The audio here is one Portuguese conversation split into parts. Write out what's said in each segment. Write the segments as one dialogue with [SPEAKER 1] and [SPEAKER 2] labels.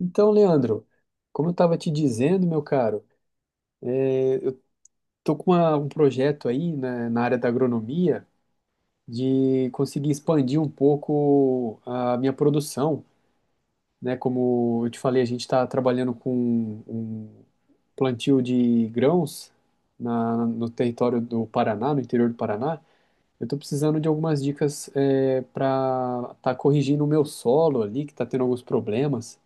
[SPEAKER 1] Então, Leandro, como eu estava te dizendo, meu caro, estou com um projeto aí né, na área da agronomia de conseguir expandir um pouco a minha produção, né? Como eu te falei, a gente está trabalhando com um plantio de grãos no território do Paraná, no interior do Paraná. Eu estou precisando de algumas dicas para estar corrigindo o meu solo ali, que está tendo alguns problemas.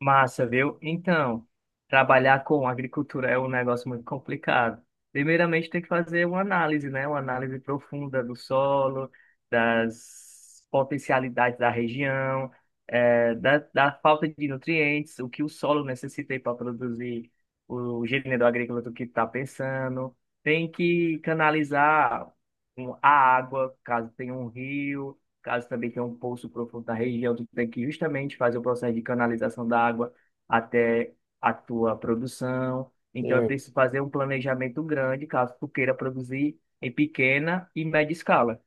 [SPEAKER 2] Massa, viu? Então, trabalhar com agricultura é um negócio muito complicado. Primeiramente, tem que fazer uma análise, né? Uma análise profunda do solo, das potencialidades da região, da falta de nutrientes, o que o solo necessita para produzir o gênero agrícola do que está pensando. Tem que canalizar a água, caso tenha um rio. Caso também tenha um poço profundo na região, tu tem que justamente fazer o processo de canalização da água até a tua produção. Então, é
[SPEAKER 1] É,
[SPEAKER 2] preciso fazer um planejamento grande, caso tu queira produzir em pequena e média escala.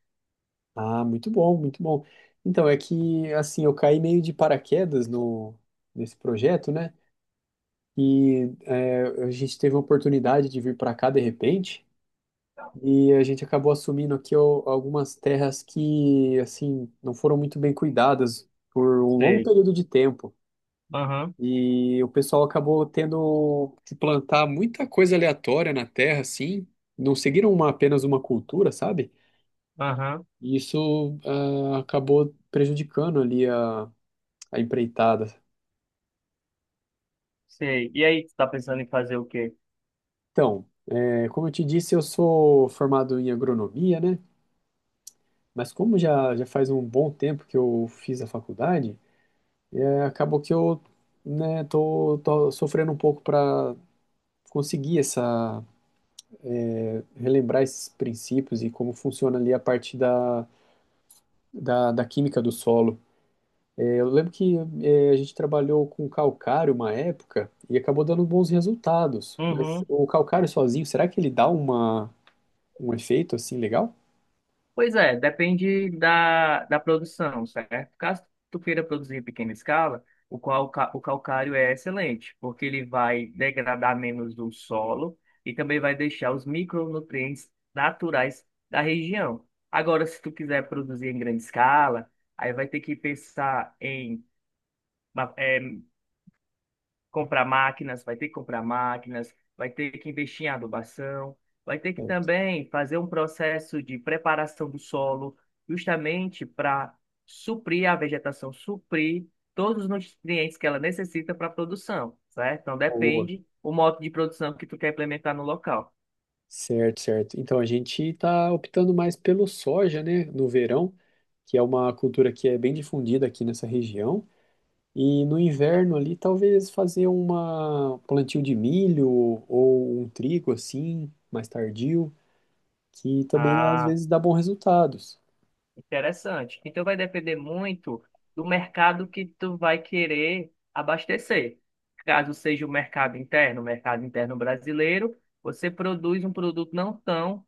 [SPEAKER 1] ah, muito bom, muito bom. Então, é que, assim, eu caí meio de paraquedas no, nesse projeto, né? E é, a gente teve a oportunidade de vir para cá de repente, e a gente acabou assumindo aqui algumas terras que, assim, não foram muito bem cuidadas por um longo
[SPEAKER 2] Sei.
[SPEAKER 1] período de tempo.
[SPEAKER 2] Aham,
[SPEAKER 1] E o pessoal acabou tendo que plantar muita coisa aleatória na terra, assim, não seguiram apenas uma cultura, sabe?
[SPEAKER 2] aham,
[SPEAKER 1] E isso acabou prejudicando ali a empreitada.
[SPEAKER 2] sei. E aí, tu tá pensando em fazer o quê?
[SPEAKER 1] Então, é, como eu te disse, eu sou formado em agronomia, né? Mas como já faz um bom tempo que eu fiz a faculdade, é, acabou que eu, né, tô sofrendo um pouco para conseguir essa, relembrar esses princípios e como funciona ali a parte da química do solo. É, eu lembro que é, a gente trabalhou com calcário uma época e acabou dando bons resultados. Mas
[SPEAKER 2] Uhum.
[SPEAKER 1] o calcário sozinho, será que ele dá uma, um efeito assim legal?
[SPEAKER 2] Pois é, depende da produção, certo? Caso tu queira produzir em pequena escala, o calcário é excelente, porque ele vai degradar menos o solo e também vai deixar os micronutrientes naturais da região. Agora, se tu quiser produzir em grande escala, aí vai ter que pensar em comprar máquinas, vai ter que comprar máquinas, vai ter que investir em adubação, vai ter que também fazer um processo de preparação do solo, justamente para suprir a vegetação, suprir todos os nutrientes que ela necessita para a produção, certo? Então
[SPEAKER 1] Boa.
[SPEAKER 2] depende o modo de produção que tu quer implementar no local.
[SPEAKER 1] Certo, certo. Então a gente está optando mais pelo soja, né, no verão, que é uma cultura que é bem difundida aqui nessa região. E no inverno ali, talvez fazer uma um plantio de milho ou um trigo assim, mais tardio, que também às
[SPEAKER 2] Ah,
[SPEAKER 1] vezes dá bons resultados.
[SPEAKER 2] interessante. Então vai depender muito do mercado que tu vai querer abastecer. Caso seja o mercado interno brasileiro, você produz um produto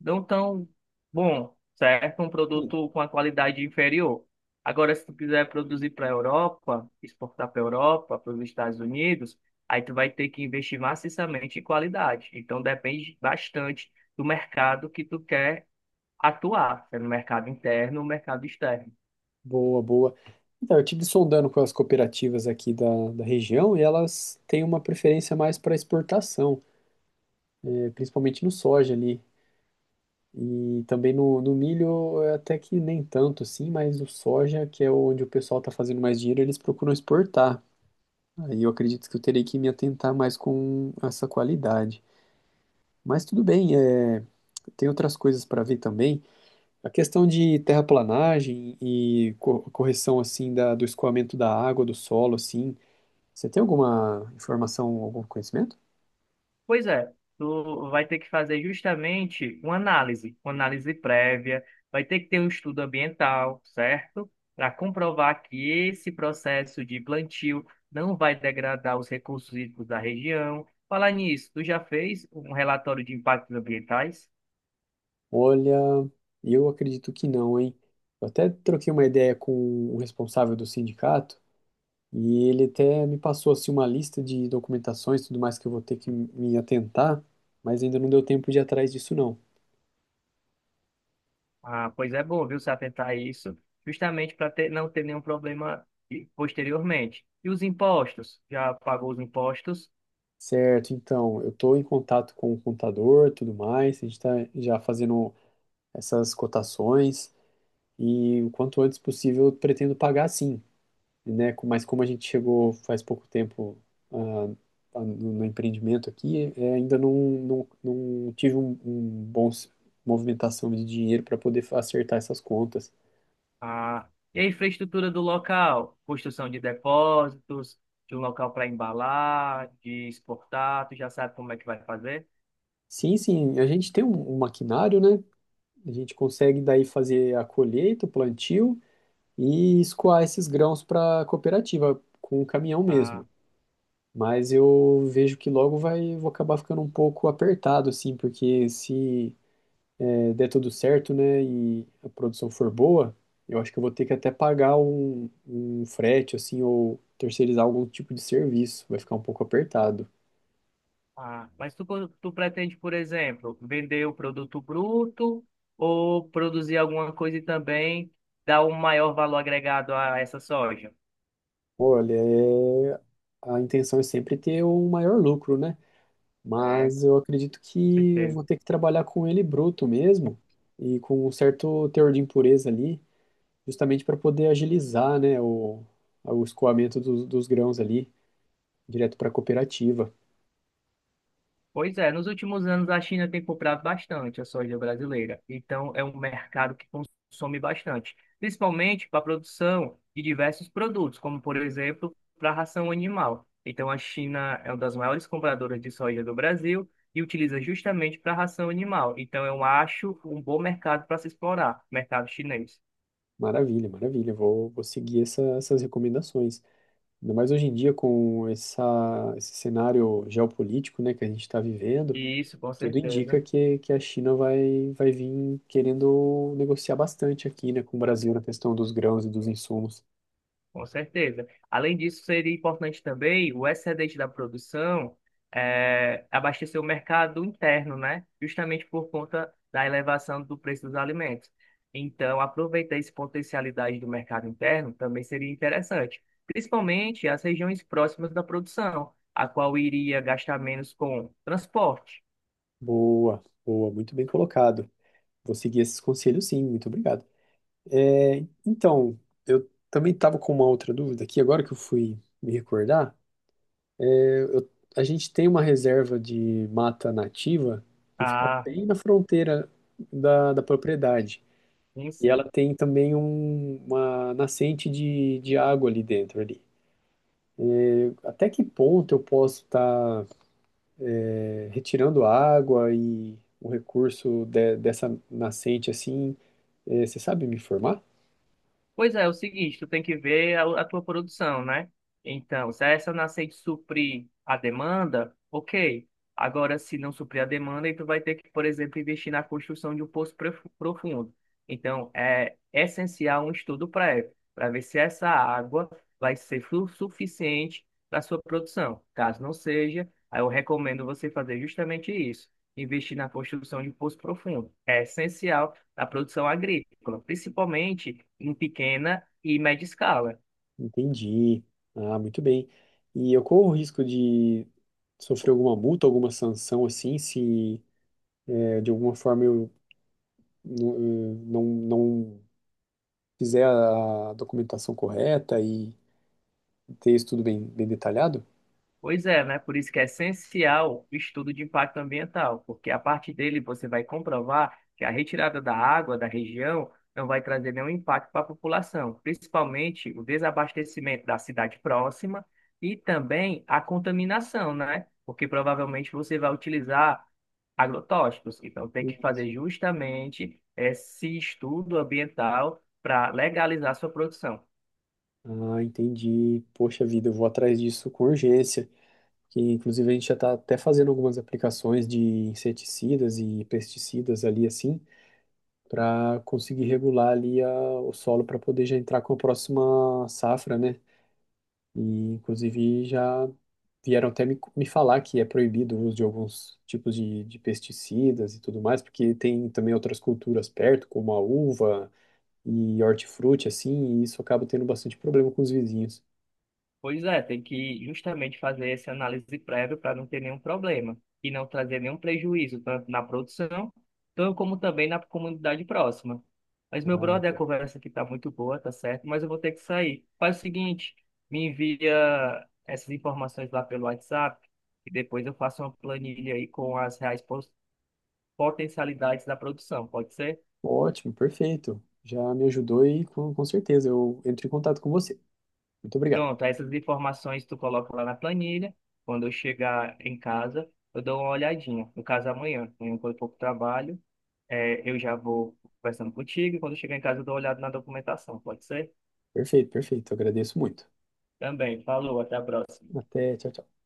[SPEAKER 2] não tão bom, certo? Um produto com a qualidade inferior. Agora, se tu quiser produzir para a Europa, exportar para a Europa, para os Estados Unidos, aí tu vai ter que investir maciçamente em qualidade. Então depende bastante do mercado que tu quer atuar, né, no mercado interno, no mercado externo.
[SPEAKER 1] Boa, boa. Então, eu estive sondando com as cooperativas aqui da região e elas têm uma preferência mais para exportação, né, principalmente no soja ali. E também no milho, até que nem tanto assim, mas o soja, que é onde o pessoal está fazendo mais dinheiro, eles procuram exportar. Aí eu acredito que eu terei que me atentar mais com essa qualidade. Mas tudo bem, tem outras coisas para ver também. A questão de terraplanagem e correção assim da, do escoamento da água, do solo, assim. Você tem alguma informação, algum conhecimento?
[SPEAKER 2] Pois é, tu vai ter que fazer justamente uma análise prévia, vai ter que ter um estudo ambiental, certo? Para comprovar que esse processo de plantio não vai degradar os recursos hídricos da região. Falar nisso, tu já fez um relatório de impactos ambientais?
[SPEAKER 1] Olha, eu acredito que não, hein? Eu até troquei uma ideia com o responsável do sindicato. E ele até me passou assim uma lista de documentações, e tudo mais que eu vou ter que me atentar, mas ainda não deu tempo de ir atrás disso não.
[SPEAKER 2] Ah, pois é bom, viu, se atentar a isso, justamente para ter, não ter nenhum problema posteriormente. E os impostos? Já pagou os impostos?
[SPEAKER 1] Certo, então, eu estou em contato com o contador, tudo mais, a gente está já fazendo essas cotações e o quanto antes possível eu pretendo pagar sim, né? Mas como a gente chegou faz pouco tempo ah, no empreendimento aqui, ainda não tive um, um bom movimentação de dinheiro para poder acertar essas contas.
[SPEAKER 2] Ah, e a infraestrutura do local? Construção de depósitos, de um local para embalar, de exportar, tu já sabe como é que vai fazer?
[SPEAKER 1] Sim, sim, a gente tem um maquinário, né? A gente consegue daí fazer a colheita, o plantio e escoar esses grãos para a cooperativa com o caminhão
[SPEAKER 2] Ah,
[SPEAKER 1] mesmo. Mas eu vejo que logo vai, vou acabar ficando um pouco apertado, assim, porque se der tudo certo, né, e a produção for boa, eu acho que eu vou ter que até pagar um frete, assim, ou terceirizar algum tipo de serviço. Vai ficar um pouco apertado.
[SPEAKER 2] mas tu pretende, por exemplo, vender o produto bruto ou produzir alguma coisa e também dar um maior valor agregado a essa soja?
[SPEAKER 1] Olha, é... a intenção é sempre ter o maior lucro, né?
[SPEAKER 2] É, com
[SPEAKER 1] Mas eu acredito que eu vou
[SPEAKER 2] certeza.
[SPEAKER 1] ter que trabalhar com ele bruto mesmo e com um certo teor de impureza ali, justamente para poder agilizar, né, o escoamento dos grãos ali direto para a cooperativa.
[SPEAKER 2] Pois é, nos últimos anos a China tem comprado bastante a soja brasileira, então é um mercado que consome bastante, principalmente para a produção de diversos produtos, como por exemplo para a ração animal. Então a China é uma das maiores compradoras de soja do Brasil e utiliza justamente para a ração animal. Então eu acho um bom mercado para se explorar, mercado chinês.
[SPEAKER 1] Maravilha, maravilha. Vou seguir essas recomendações. Ainda mais hoje em dia com essa, esse cenário geopolítico, né, que a gente está vivendo,
[SPEAKER 2] Isso, com
[SPEAKER 1] tudo indica
[SPEAKER 2] certeza.
[SPEAKER 1] que a China vai vir querendo negociar bastante aqui, né, com o Brasil na questão dos grãos e dos insumos.
[SPEAKER 2] Com certeza. Além disso, seria importante também o excedente da produção abastecer o mercado interno, né? Justamente por conta da elevação do preço dos alimentos. Então, aproveitar essa potencialidade do mercado interno também seria interessante, principalmente as regiões próximas da produção, a qual iria gastar menos com transporte.
[SPEAKER 1] Boa, boa, muito bem colocado. Vou seguir esses conselhos, sim, muito obrigado. É, então, eu também estava com uma outra dúvida aqui, agora que eu fui me recordar. A gente tem uma reserva de mata nativa que fica
[SPEAKER 2] Ah,
[SPEAKER 1] bem na fronteira da propriedade.
[SPEAKER 2] sim,
[SPEAKER 1] E
[SPEAKER 2] sim.
[SPEAKER 1] ela tem também uma nascente de água ali dentro, ali. Até que ponto eu posso estar retirando água e o recurso dessa nascente assim? É, você sabe me informar?
[SPEAKER 2] Pois é, é o seguinte, tu tem que ver a tua produção, né? Então, se essa nascer de suprir a demanda, ok. Agora, se não suprir a demanda, aí tu vai ter que, por exemplo, investir na construção de um poço profundo. Então, é essencial um estudo prévio para ver se essa água vai ser suficiente para sua produção. Caso não seja, aí eu recomendo você fazer justamente isso, investir na construção de um poço profundo. É essencial da produção agrícola, principalmente em pequena e média escala.
[SPEAKER 1] Entendi. Ah, muito bem. E eu corro o risco de sofrer alguma multa, alguma sanção, assim, se é, de alguma forma eu não, não fizer a documentação correta e ter isso tudo bem, bem detalhado?
[SPEAKER 2] Pois é, né? Por isso que é essencial o estudo de impacto ambiental, porque a partir dele você vai comprovar que a retirada da água da região não vai trazer nenhum impacto para a população, principalmente o desabastecimento da cidade próxima e também a contaminação, né? Porque provavelmente você vai utilizar agrotóxicos. Então, tem que fazer justamente esse estudo ambiental para legalizar sua produção.
[SPEAKER 1] Ah, entendi. Poxa vida, eu vou atrás disso com urgência. Que inclusive a gente já está até fazendo algumas aplicações de inseticidas e pesticidas ali assim, para conseguir regular ali a, o solo para poder já entrar com a próxima safra, né? E inclusive já vieram até me falar que é proibido o uso de alguns tipos de pesticidas e tudo mais, porque tem também outras culturas perto, como a uva e hortifruti, assim, e isso acaba tendo bastante problema com os vizinhos.
[SPEAKER 2] Pois é, tem que justamente fazer essa análise prévia para não ter nenhum problema e não trazer nenhum prejuízo, tanto na produção, tanto como também na comunidade próxima. Mas, meu brother, a conversa aqui está muito boa, tá certo? Mas eu vou ter que sair. Faz o seguinte, me envia essas informações lá pelo WhatsApp e depois eu faço uma planilha aí com as reais potencialidades da produção, pode ser?
[SPEAKER 1] Ótimo, perfeito. Já me ajudou e com certeza eu entro em contato com você. Muito obrigado.
[SPEAKER 2] Pronto, essas informações tu coloca lá na planilha. Quando eu chegar em casa, eu dou uma olhadinha. No caso, amanhã, quando eu for pro trabalho, eu já vou conversando contigo. E quando eu chegar em casa, eu dou uma olhada na documentação, pode ser?
[SPEAKER 1] Perfeito, perfeito. Agradeço muito.
[SPEAKER 2] Também, falou, até a próxima.
[SPEAKER 1] Até, tchau, tchau.